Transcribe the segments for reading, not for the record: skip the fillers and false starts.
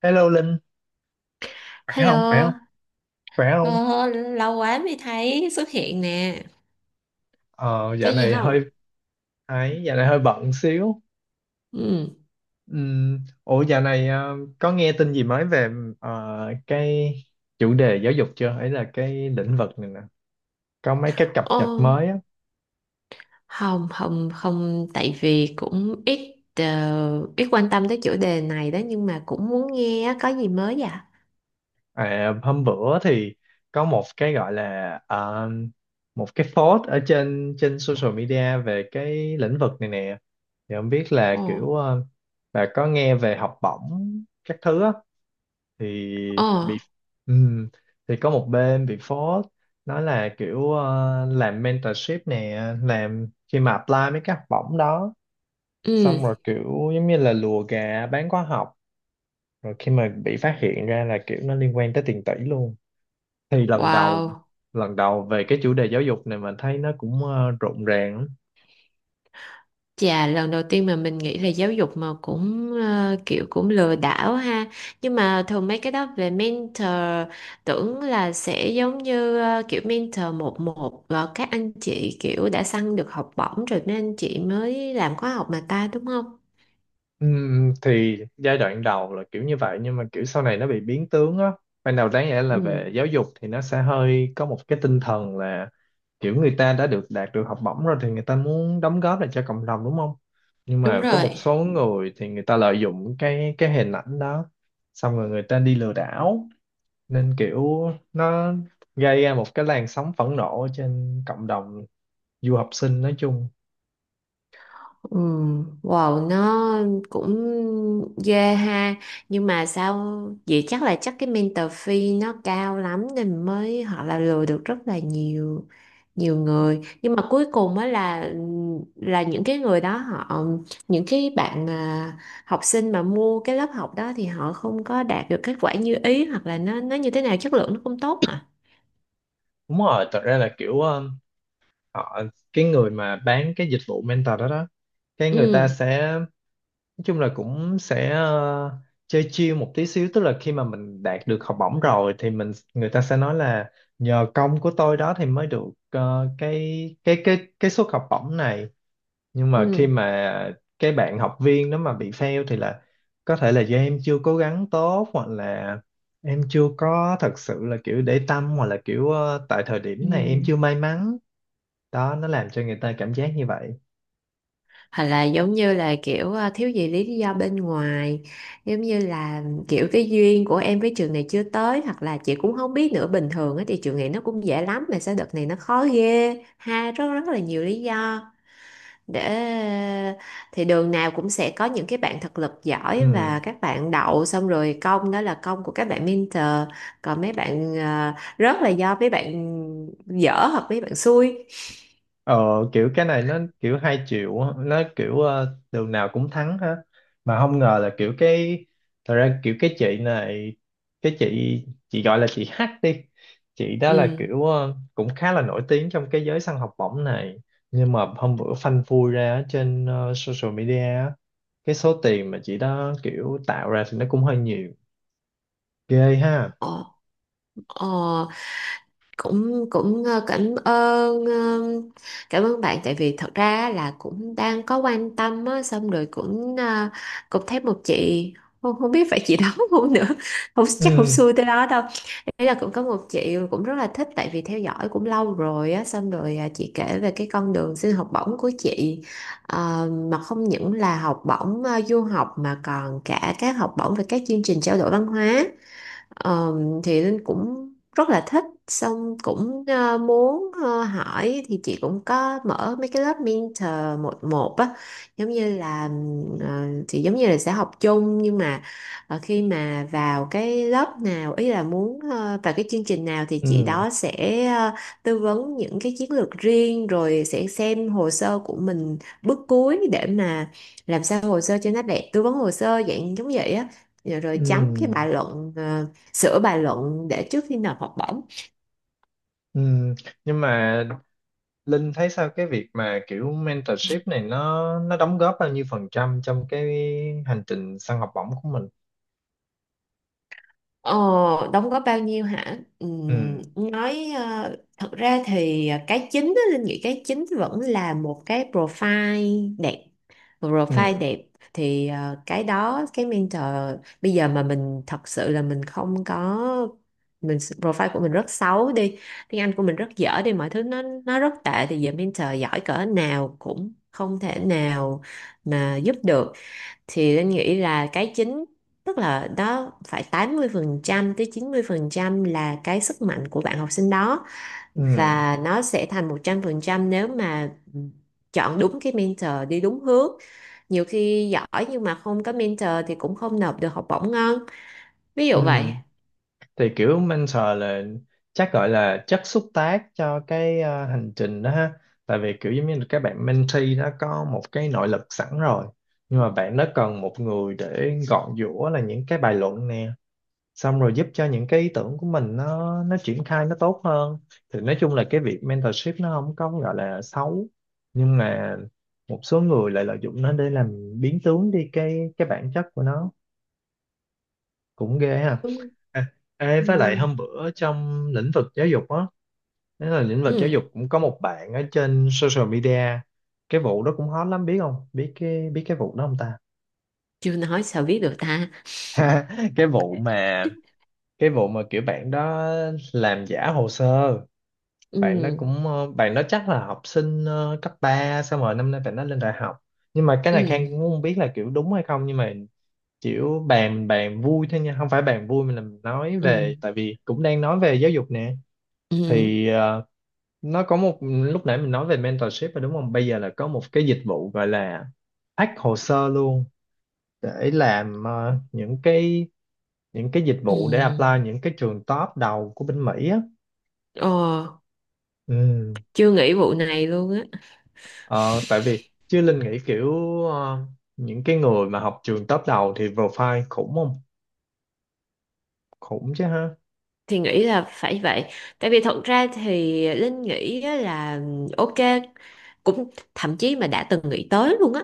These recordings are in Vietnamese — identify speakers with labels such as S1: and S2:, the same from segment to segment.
S1: Hello Linh, khỏe không? Khỏe không?
S2: Hello,
S1: Khỏe không?
S2: ờ, lâu quá mới thấy xuất hiện nè.
S1: Ờ,
S2: Có
S1: dạo
S2: gì
S1: này hơi
S2: không?
S1: ấy, dạo này hơi bận xíu.
S2: Ừ.
S1: Ừm, ủa dạo này có nghe tin gì mới về ờ, cái chủ đề giáo dục chưa? Ấy là cái lĩnh vực này nè. Có mấy cái cập nhật
S2: Ồ,
S1: mới á.
S2: không, không, không, tại vì cũng ít ít quan tâm tới chủ đề này đó nhưng mà cũng muốn nghe á, có gì mới vậy?
S1: À, hôm bữa thì có một cái gọi là một cái post ở trên trên social media về cái lĩnh vực này nè. Thì không biết là kiểu
S2: Ồ,
S1: bà có nghe về học bổng các thứ á. Thì
S2: ồ,
S1: bị ừm, thì có một bên bị phốt, nói là kiểu làm mentorship nè, làm khi mà apply mấy cái học bổng đó
S2: ừ,
S1: xong rồi kiểu giống như là lùa gà bán khóa học, rồi khi mà bị phát hiện ra là kiểu nó liên quan tới tiền tỷ luôn. Thì lần đầu
S2: wow.
S1: lần đầu về cái chủ đề giáo dục này mình thấy nó cũng rộn ràng lắm.
S2: Dạ, lần đầu tiên mà mình nghĩ là giáo dục mà cũng kiểu cũng lừa đảo ha. Nhưng mà thường mấy cái đó về mentor tưởng là sẽ giống như kiểu mentor một một và các anh chị kiểu đã săn được học bổng rồi nên anh chị mới làm khóa học mà ta đúng không?
S1: Thì giai đoạn đầu là kiểu như vậy, nhưng mà kiểu sau này nó bị biến tướng á. Ban đầu đáng lẽ là
S2: Ừ.
S1: về giáo dục thì nó sẽ hơi có một cái tinh thần là kiểu người ta đã được đạt được học bổng rồi thì người ta muốn đóng góp lại cho cộng đồng, đúng không? Nhưng
S2: Đúng
S1: mà có một
S2: rồi.
S1: số người thì người ta lợi dụng cái hình ảnh đó, xong rồi người ta đi lừa đảo, nên kiểu nó gây ra một cái làn sóng phẫn nộ trên cộng đồng du học sinh nói chung.
S2: Ừ, wow, nó cũng ghê ha. Nhưng mà sao, vậy chắc là chắc cái mentor fee nó cao lắm nên mới họ là lừa được rất là nhiều, nhiều người. Nhưng mà cuối cùng á là những cái người đó họ, những cái bạn học sinh mà mua cái lớp học đó thì họ không có đạt được kết quả như ý, hoặc là nó như thế nào, chất lượng nó không tốt hả?
S1: Đúng rồi, thật ra là kiểu họ, cái người mà bán cái dịch vụ mentor đó đó, cái người ta
S2: Ừ,
S1: sẽ nói chung là cũng sẽ chơi chill một tí xíu, tức là khi mà mình đạt được học bổng rồi thì người ta sẽ nói là nhờ công của tôi đó thì mới được cái suất học bổng này. Nhưng mà khi
S2: ừ,
S1: mà cái bạn học viên đó mà bị fail thì là có thể là do em chưa cố gắng tốt, hoặc là em chưa có thật sự là kiểu để tâm, hoặc là kiểu tại thời
S2: ừ,
S1: điểm này em chưa may mắn. Đó, nó làm cho người ta cảm giác như vậy.
S2: hoặc là giống như là kiểu thiếu gì lý do bên ngoài, giống như là kiểu cái duyên của em với trường này chưa tới, hoặc là chị cũng không biết nữa, bình thường á thì trường này nó cũng dễ lắm mà sao đợt này nó khó ghê ha, rất rất là nhiều lý do để, thì đường nào cũng sẽ có những cái bạn thực lực giỏi
S1: Ừ.
S2: và các bạn đậu, xong rồi công đó là công của các bạn mentor, còn mấy bạn rớt là do mấy bạn dở hoặc mấy bạn xui.
S1: Ờ, kiểu cái này nó kiểu hai triệu á, nó kiểu đường nào cũng thắng ha. Mà không ngờ là kiểu cái, thật ra kiểu cái chị này, cái chị gọi là chị H đi, chị đó là
S2: Ừ.
S1: kiểu cũng khá là nổi tiếng trong cái giới săn học bổng này. Nhưng mà hôm bữa phanh phui ra ở trên social media á, cái số tiền mà chị đó kiểu tạo ra thì nó cũng hơi nhiều, ghê ha.
S2: Ờ, ờ, cũng cũng cảm ơn cảm ơn bạn, tại vì thật ra á là cũng đang có quan tâm á, xong rồi cũng cũng thấy một chị, không, không biết phải chị đó không nữa, không chắc không
S1: Ừ,
S2: xui tới đó đâu, ý là cũng có một chị cũng rất là thích tại vì theo dõi cũng lâu rồi á, xong rồi chị kể về cái con đường xin học bổng của chị. Ờ, mà không những là học bổng du học mà còn cả các học bổng về các chương trình trao đổi văn hóa. Ờ, thì Linh cũng rất là thích, xong cũng muốn hỏi, thì chị cũng có mở mấy cái lớp mentor một một á, giống như là, ờ, thì giống như là sẽ học chung nhưng mà khi mà vào cái lớp nào, ý là muốn vào cái chương trình nào thì chị
S1: ừ,
S2: đó sẽ ờ, tư vấn những cái chiến lược riêng, rồi sẽ xem hồ sơ của mình, bước cuối để mà làm sao hồ sơ cho nó đẹp, tư vấn hồ sơ dạng giống vậy á, rồi rồi chấm cái
S1: ừ,
S2: bài luận, sửa bài luận để trước khi nộp học bổng.
S1: ừ. Nhưng mà Linh thấy sao cái việc mà kiểu mentorship này nó đóng góp bao nhiêu phần trăm trong cái hành trình săn học bổng của mình?
S2: ờ, Đóng góp bao nhiêu hả?
S1: Ừ,
S2: Nói thật ra thì cái chính á, Linh nghĩ cái chính vẫn là một cái profile đẹp. Một profile
S1: ừ,
S2: đẹp thì cái đó cái mentor, bây giờ mà mình thật sự là mình không có, mình profile của mình rất xấu đi, tiếng Anh của mình rất dở đi, mọi thứ nó rất tệ thì giờ mentor giỏi cỡ nào cũng không thể nào mà giúp được, thì Linh nghĩ là cái chính, tức là đó phải 80% tới 90% là cái sức mạnh của bạn học sinh đó,
S1: ừ,
S2: và nó sẽ thành 100% nếu mà chọn đúng cái mentor đi đúng hướng. Nhiều khi giỏi nhưng mà không có mentor thì cũng không nộp được học bổng ngon, ví
S1: ừ.
S2: dụ vậy.
S1: Thì kiểu mentor là chắc gọi là chất xúc tác cho cái hành trình đó ha. Tại vì kiểu giống như là các bạn mentee đã có một cái nội lực sẵn rồi. Nhưng mà bạn đó cần một người để gọn giũa là những cái bài luận nè, xong rồi giúp cho những cái ý tưởng của mình nó triển khai nó tốt hơn. Thì nói chung là cái việc mentorship nó không có gọi là xấu, nhưng mà một số người lại lợi dụng nó để làm biến tướng đi cái bản chất của nó, cũng ghê ha.
S2: Đúng.
S1: À, ê, với lại
S2: Ừ,
S1: hôm bữa trong lĩnh vực giáo dục á, đó là lĩnh vực giáo
S2: ừ,
S1: dục cũng có một bạn ở trên social media, cái vụ đó cũng hot lắm, biết không? Biết cái, biết cái vụ đó không ta?
S2: chưa nói sao biết được ta.
S1: Cái vụ mà, cái vụ mà kiểu bạn đó làm giả hồ sơ, bạn nó
S2: Ừ.
S1: cũng bạn nó chắc là học sinh cấp ba, xong rồi năm nay bạn nó lên đại học. Nhưng mà cái này
S2: Ừ.
S1: Khang cũng không biết là kiểu đúng hay không, nhưng mà kiểu bàn bàn vui thôi nha, không phải bàn vui mà là mình nói về,
S2: Ừ.
S1: tại vì cũng đang nói về giáo dục nè.
S2: Ừ.
S1: Thì nó có một, lúc nãy mình nói về mentorship rồi đúng không, bây giờ là có một cái dịch vụ gọi là hack hồ sơ luôn, để làm những cái, những cái dịch
S2: Ừ.
S1: vụ để apply những cái trường top đầu của bên Mỹ á.
S2: Ờ,
S1: Ừ.
S2: chưa nghĩ vụ này luôn á,
S1: Ờ, tại vì chứ Linh nghĩ kiểu ờ, những cái người mà học trường top đầu thì profile khủng không? Khủng chứ ha.
S2: thì nghĩ là phải vậy, tại vì thật ra thì Linh nghĩ á là, ok, cũng thậm chí mà đã từng nghĩ tới luôn á,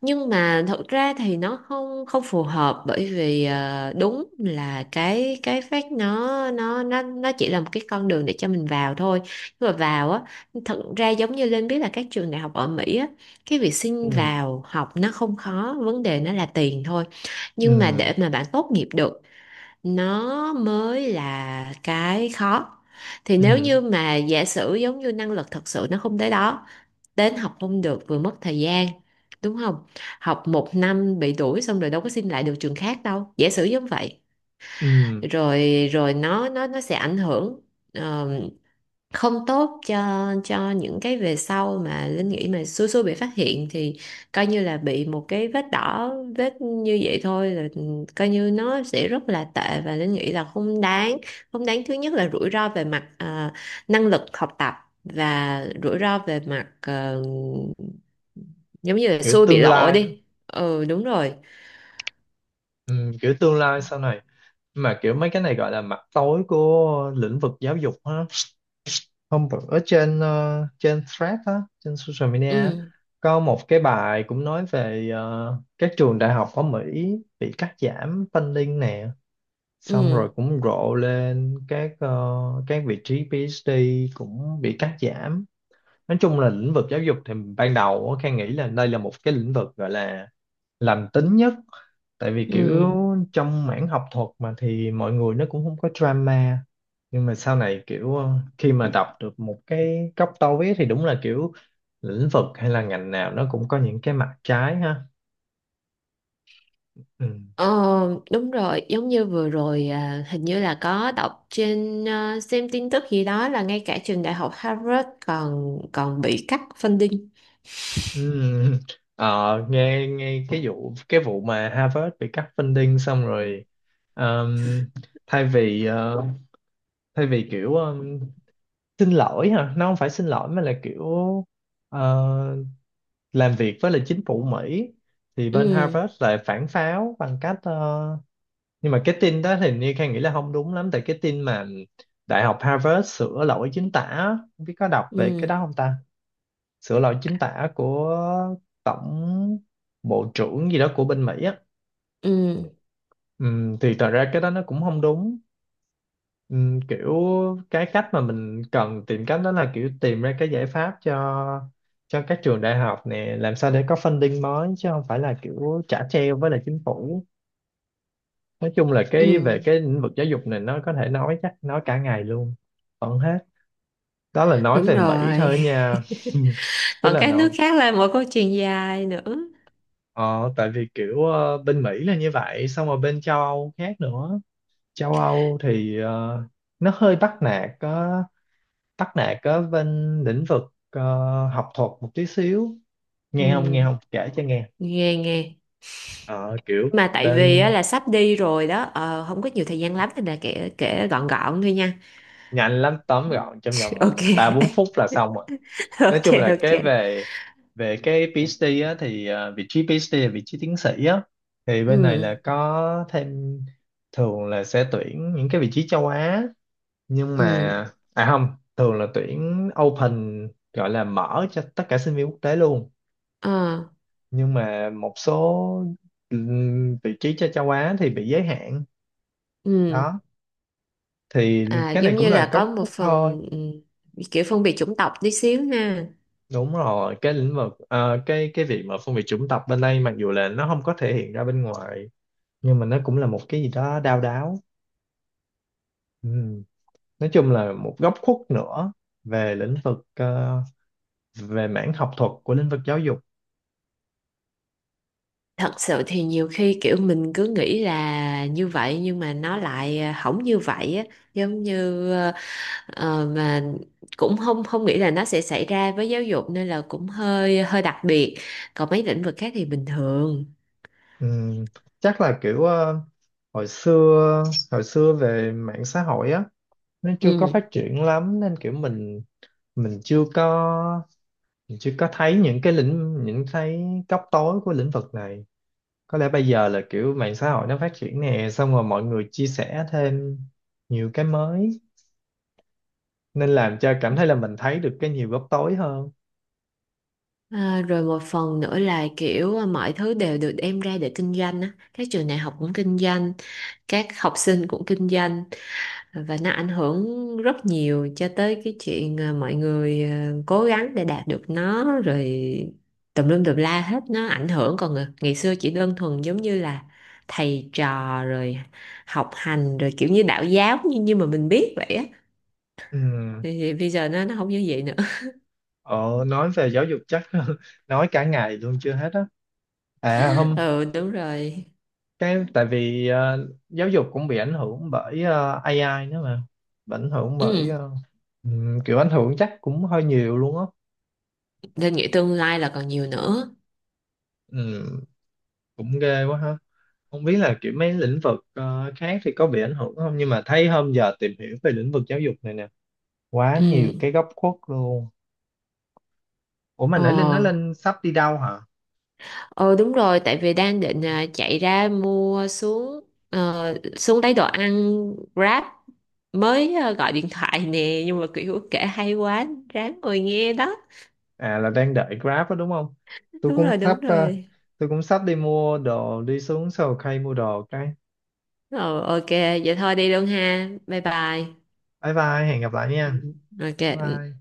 S2: nhưng mà thật ra thì nó không không phù hợp, bởi vì đúng là cái phát nó chỉ là một cái con đường để cho mình vào thôi. Nhưng mà vào á, thật ra giống như Linh biết là các trường đại học ở Mỹ á, cái việc xin
S1: Ừ,
S2: vào học nó không khó, vấn đề nó là tiền thôi, nhưng mà
S1: ừ,
S2: để mà bạn tốt nghiệp được nó mới là cái khó. Thì nếu
S1: ừ,
S2: như mà giả sử giống như năng lực thật sự nó không tới đó, đến học không được, vừa mất thời gian, đúng không? Học 1 năm bị đuổi, xong rồi đâu có xin lại được trường khác đâu, giả sử giống vậy,
S1: ừ.
S2: rồi rồi nó sẽ ảnh hưởng ờ, không tốt cho những cái về sau. Mà Linh nghĩ mà xui xui bị phát hiện thì coi như là bị một cái vết đỏ, vết như vậy thôi là coi như nó sẽ rất là tệ, và Linh nghĩ là không đáng. Không đáng, thứ nhất là rủi ro về mặt năng lực học tập, và rủi ro về mặt giống như là
S1: Kiểu
S2: xui bị
S1: tương
S2: lộ
S1: lai đó.
S2: đi, ừ đúng rồi.
S1: Ừ, kiểu tương lai sau này. Mà kiểu mấy cái này gọi là mặt tối của lĩnh vực giáo dục ha. Hôm bữa ở trên trên thread á, trên social media á,
S2: Ừ,
S1: có một cái bài cũng nói về các trường đại học ở Mỹ bị cắt giảm funding nè.
S2: ừ,
S1: Xong rồi cũng rộ lên các các vị trí PhD cũng bị cắt giảm. Nói chung là lĩnh vực giáo dục thì ban đầu á, Khang nghĩ là đây là một cái lĩnh vực gọi là lành tính nhất, tại vì kiểu
S2: ừ.
S1: trong mảng học thuật mà thì mọi người nó cũng không có drama. Nhưng mà sau này kiểu khi mà đọc được một cái góc tối thì đúng là kiểu lĩnh vực hay là ngành nào nó cũng có những cái mặt trái ha. Ừ.
S2: Ờ, đúng rồi, giống như vừa rồi hình như là có đọc trên xem tin tức gì đó là ngay cả trường đại học Harvard còn còn bị cắt funding.
S1: Ừm, ờ, nghe nghe cái vụ, cái vụ mà Harvard bị cắt funding xong rồi ờm, thay vì thay vì kiểu xin lỗi hả, nó không phải xin lỗi mà là kiểu ờ, làm việc với lại chính phủ Mỹ, thì bên
S2: Ừ,
S1: Harvard lại phản pháo bằng cách nhưng mà cái tin đó thì như Khang nghĩ là không đúng lắm, tại cái tin mà Đại học Harvard sửa lỗi chính tả á, không biết có đọc về cái
S2: ừ,
S1: đó không ta? Sửa lỗi chính tả của tổng, bộ trưởng gì đó của bên Mỹ á.
S2: ừ,
S1: Thì thật ra cái đó nó cũng không đúng. Kiểu cái cách mà mình cần tìm cách đó là kiểu tìm ra cái giải pháp cho các trường đại học nè, làm sao để có funding mới, chứ không phải là kiểu trả treo với lại chính phủ. Nói chung là
S2: ừ,
S1: cái về cái lĩnh vực giáo dục này nó có thể nói chắc nói cả ngày luôn vẫn hết. Đó là nói
S2: đúng
S1: về Mỹ
S2: rồi.
S1: thôi nha. Tức
S2: Còn
S1: là
S2: các nước
S1: nó,
S2: khác là một câu chuyện dài nữa.
S1: ờ, tại vì kiểu bên Mỹ là như vậy, xong rồi bên châu Âu khác nữa. Châu Âu thì nó hơi bắt nạt ở bên lĩnh vực ờ, học thuật một tí xíu. Nghe
S2: Ừ,
S1: không, kể cho nghe.
S2: nghe nghe.
S1: Ờ, kiểu
S2: Mà tại vì
S1: bên
S2: á, là sắp đi rồi đó, không có nhiều thời gian lắm nên là kể kể gọn gọn thôi nha.
S1: nhanh lắm, tóm gọn trong vòng
S2: Ok,
S1: ba bốn phút là xong rồi. Nói
S2: ok,
S1: chung là cái
S2: ok.
S1: về về cái PhD á, thì vị trí PhD là vị trí tiến sĩ á. Thì
S2: Ừ,
S1: bên này là có thêm thường là sẽ tuyển những cái vị trí châu Á, nhưng mà
S2: ừ,
S1: à không, thường là tuyển open, gọi là mở cho tất cả sinh viên quốc tế luôn.
S2: ờ,
S1: Nhưng mà một số vị trí cho châu Á thì bị giới hạn.
S2: ừ.
S1: Đó, thì
S2: À,
S1: cái này
S2: giống
S1: cũng
S2: như
S1: là
S2: là có
S1: góc
S2: một
S1: khuất thôi.
S2: phần ừ, kiểu phân biệt chủng tộc tí xíu ha.
S1: Đúng rồi, cái lĩnh vực cái việc mà phân biệt chủng tộc bên đây mặc dù là nó không có thể hiện ra bên ngoài, nhưng mà nó cũng là một cái gì đó đau đáu. Ừm. Nói chung là một góc khuất nữa về lĩnh vực về mảng học thuật của lĩnh vực giáo dục.
S2: Thật sự thì nhiều khi kiểu mình cứ nghĩ là như vậy nhưng mà nó lại không như vậy á, giống như mà cũng không không nghĩ là nó sẽ xảy ra với giáo dục, nên là cũng hơi hơi đặc biệt. Còn mấy lĩnh vực khác thì bình thường.
S1: Ừm, chắc là kiểu hồi xưa hồi xưa về mạng xã hội á, nó chưa có
S2: Ừ.
S1: phát triển lắm nên kiểu mình chưa có, mình chưa có thấy những cái lĩnh những thấy góc tối của lĩnh vực này. Có lẽ bây giờ là kiểu mạng xã hội nó phát triển nè, xong rồi mọi người chia sẻ thêm nhiều cái mới, nên làm cho cảm thấy là mình thấy được cái nhiều góc tối hơn.
S2: À, rồi một phần nữa là kiểu mọi thứ đều được đem ra để kinh doanh á. Các trường đại học cũng kinh doanh, các học sinh cũng kinh doanh, và nó ảnh hưởng rất nhiều cho tới cái chuyện mọi người cố gắng để đạt được nó, rồi tùm lum tùm la hết, nó ảnh hưởng. Còn ngày xưa chỉ đơn thuần giống như là thầy trò, rồi học hành, rồi kiểu như đạo giáo như như mà mình biết vậy á,
S1: Ừm,
S2: thì bây giờ nó không như vậy nữa.
S1: ờ, nói về giáo dục chắc nói cả ngày luôn chưa hết á. À hôm,
S2: Ừ đúng rồi.
S1: cái tại vì giáo dục cũng bị ảnh hưởng bởi AI nữa mà. Bị ảnh hưởng bởi
S2: Ừ,
S1: kiểu ảnh hưởng chắc cũng hơi nhiều luôn á.
S2: nên nghĩ tương lai là còn nhiều nữa.
S1: Ừm, cũng ghê quá ha, không biết là kiểu mấy lĩnh vực khác thì có bị ảnh hưởng không, nhưng mà thấy hôm giờ tìm hiểu về lĩnh vực giáo dục này nè quá nhiều cái
S2: Ừ.
S1: góc khuất luôn. Ủa mà
S2: Ồ,
S1: nãy Linh nói Linh sắp đi đâu hả?
S2: ờ đúng rồi, tại vì đang định chạy ra mua xuống, xuống lấy đồ ăn Grab, mới gọi điện thoại nè, nhưng mà kiểu kể hay quá, ráng ngồi nghe đó.
S1: À là đang đợi Grab đó đúng không? Tôi
S2: Đúng
S1: cũng
S2: rồi,
S1: sắp
S2: đúng rồi.
S1: tôi cũng sắp đi mua đồ, đi xuống Sầu Cây mua đồ cái.
S2: Ờ ok, vậy thôi đi luôn ha. Bye bye.
S1: Bye bye, hẹn gặp lại
S2: Ừ,
S1: nha.
S2: ok.
S1: Bye
S2: Ừ.
S1: bye.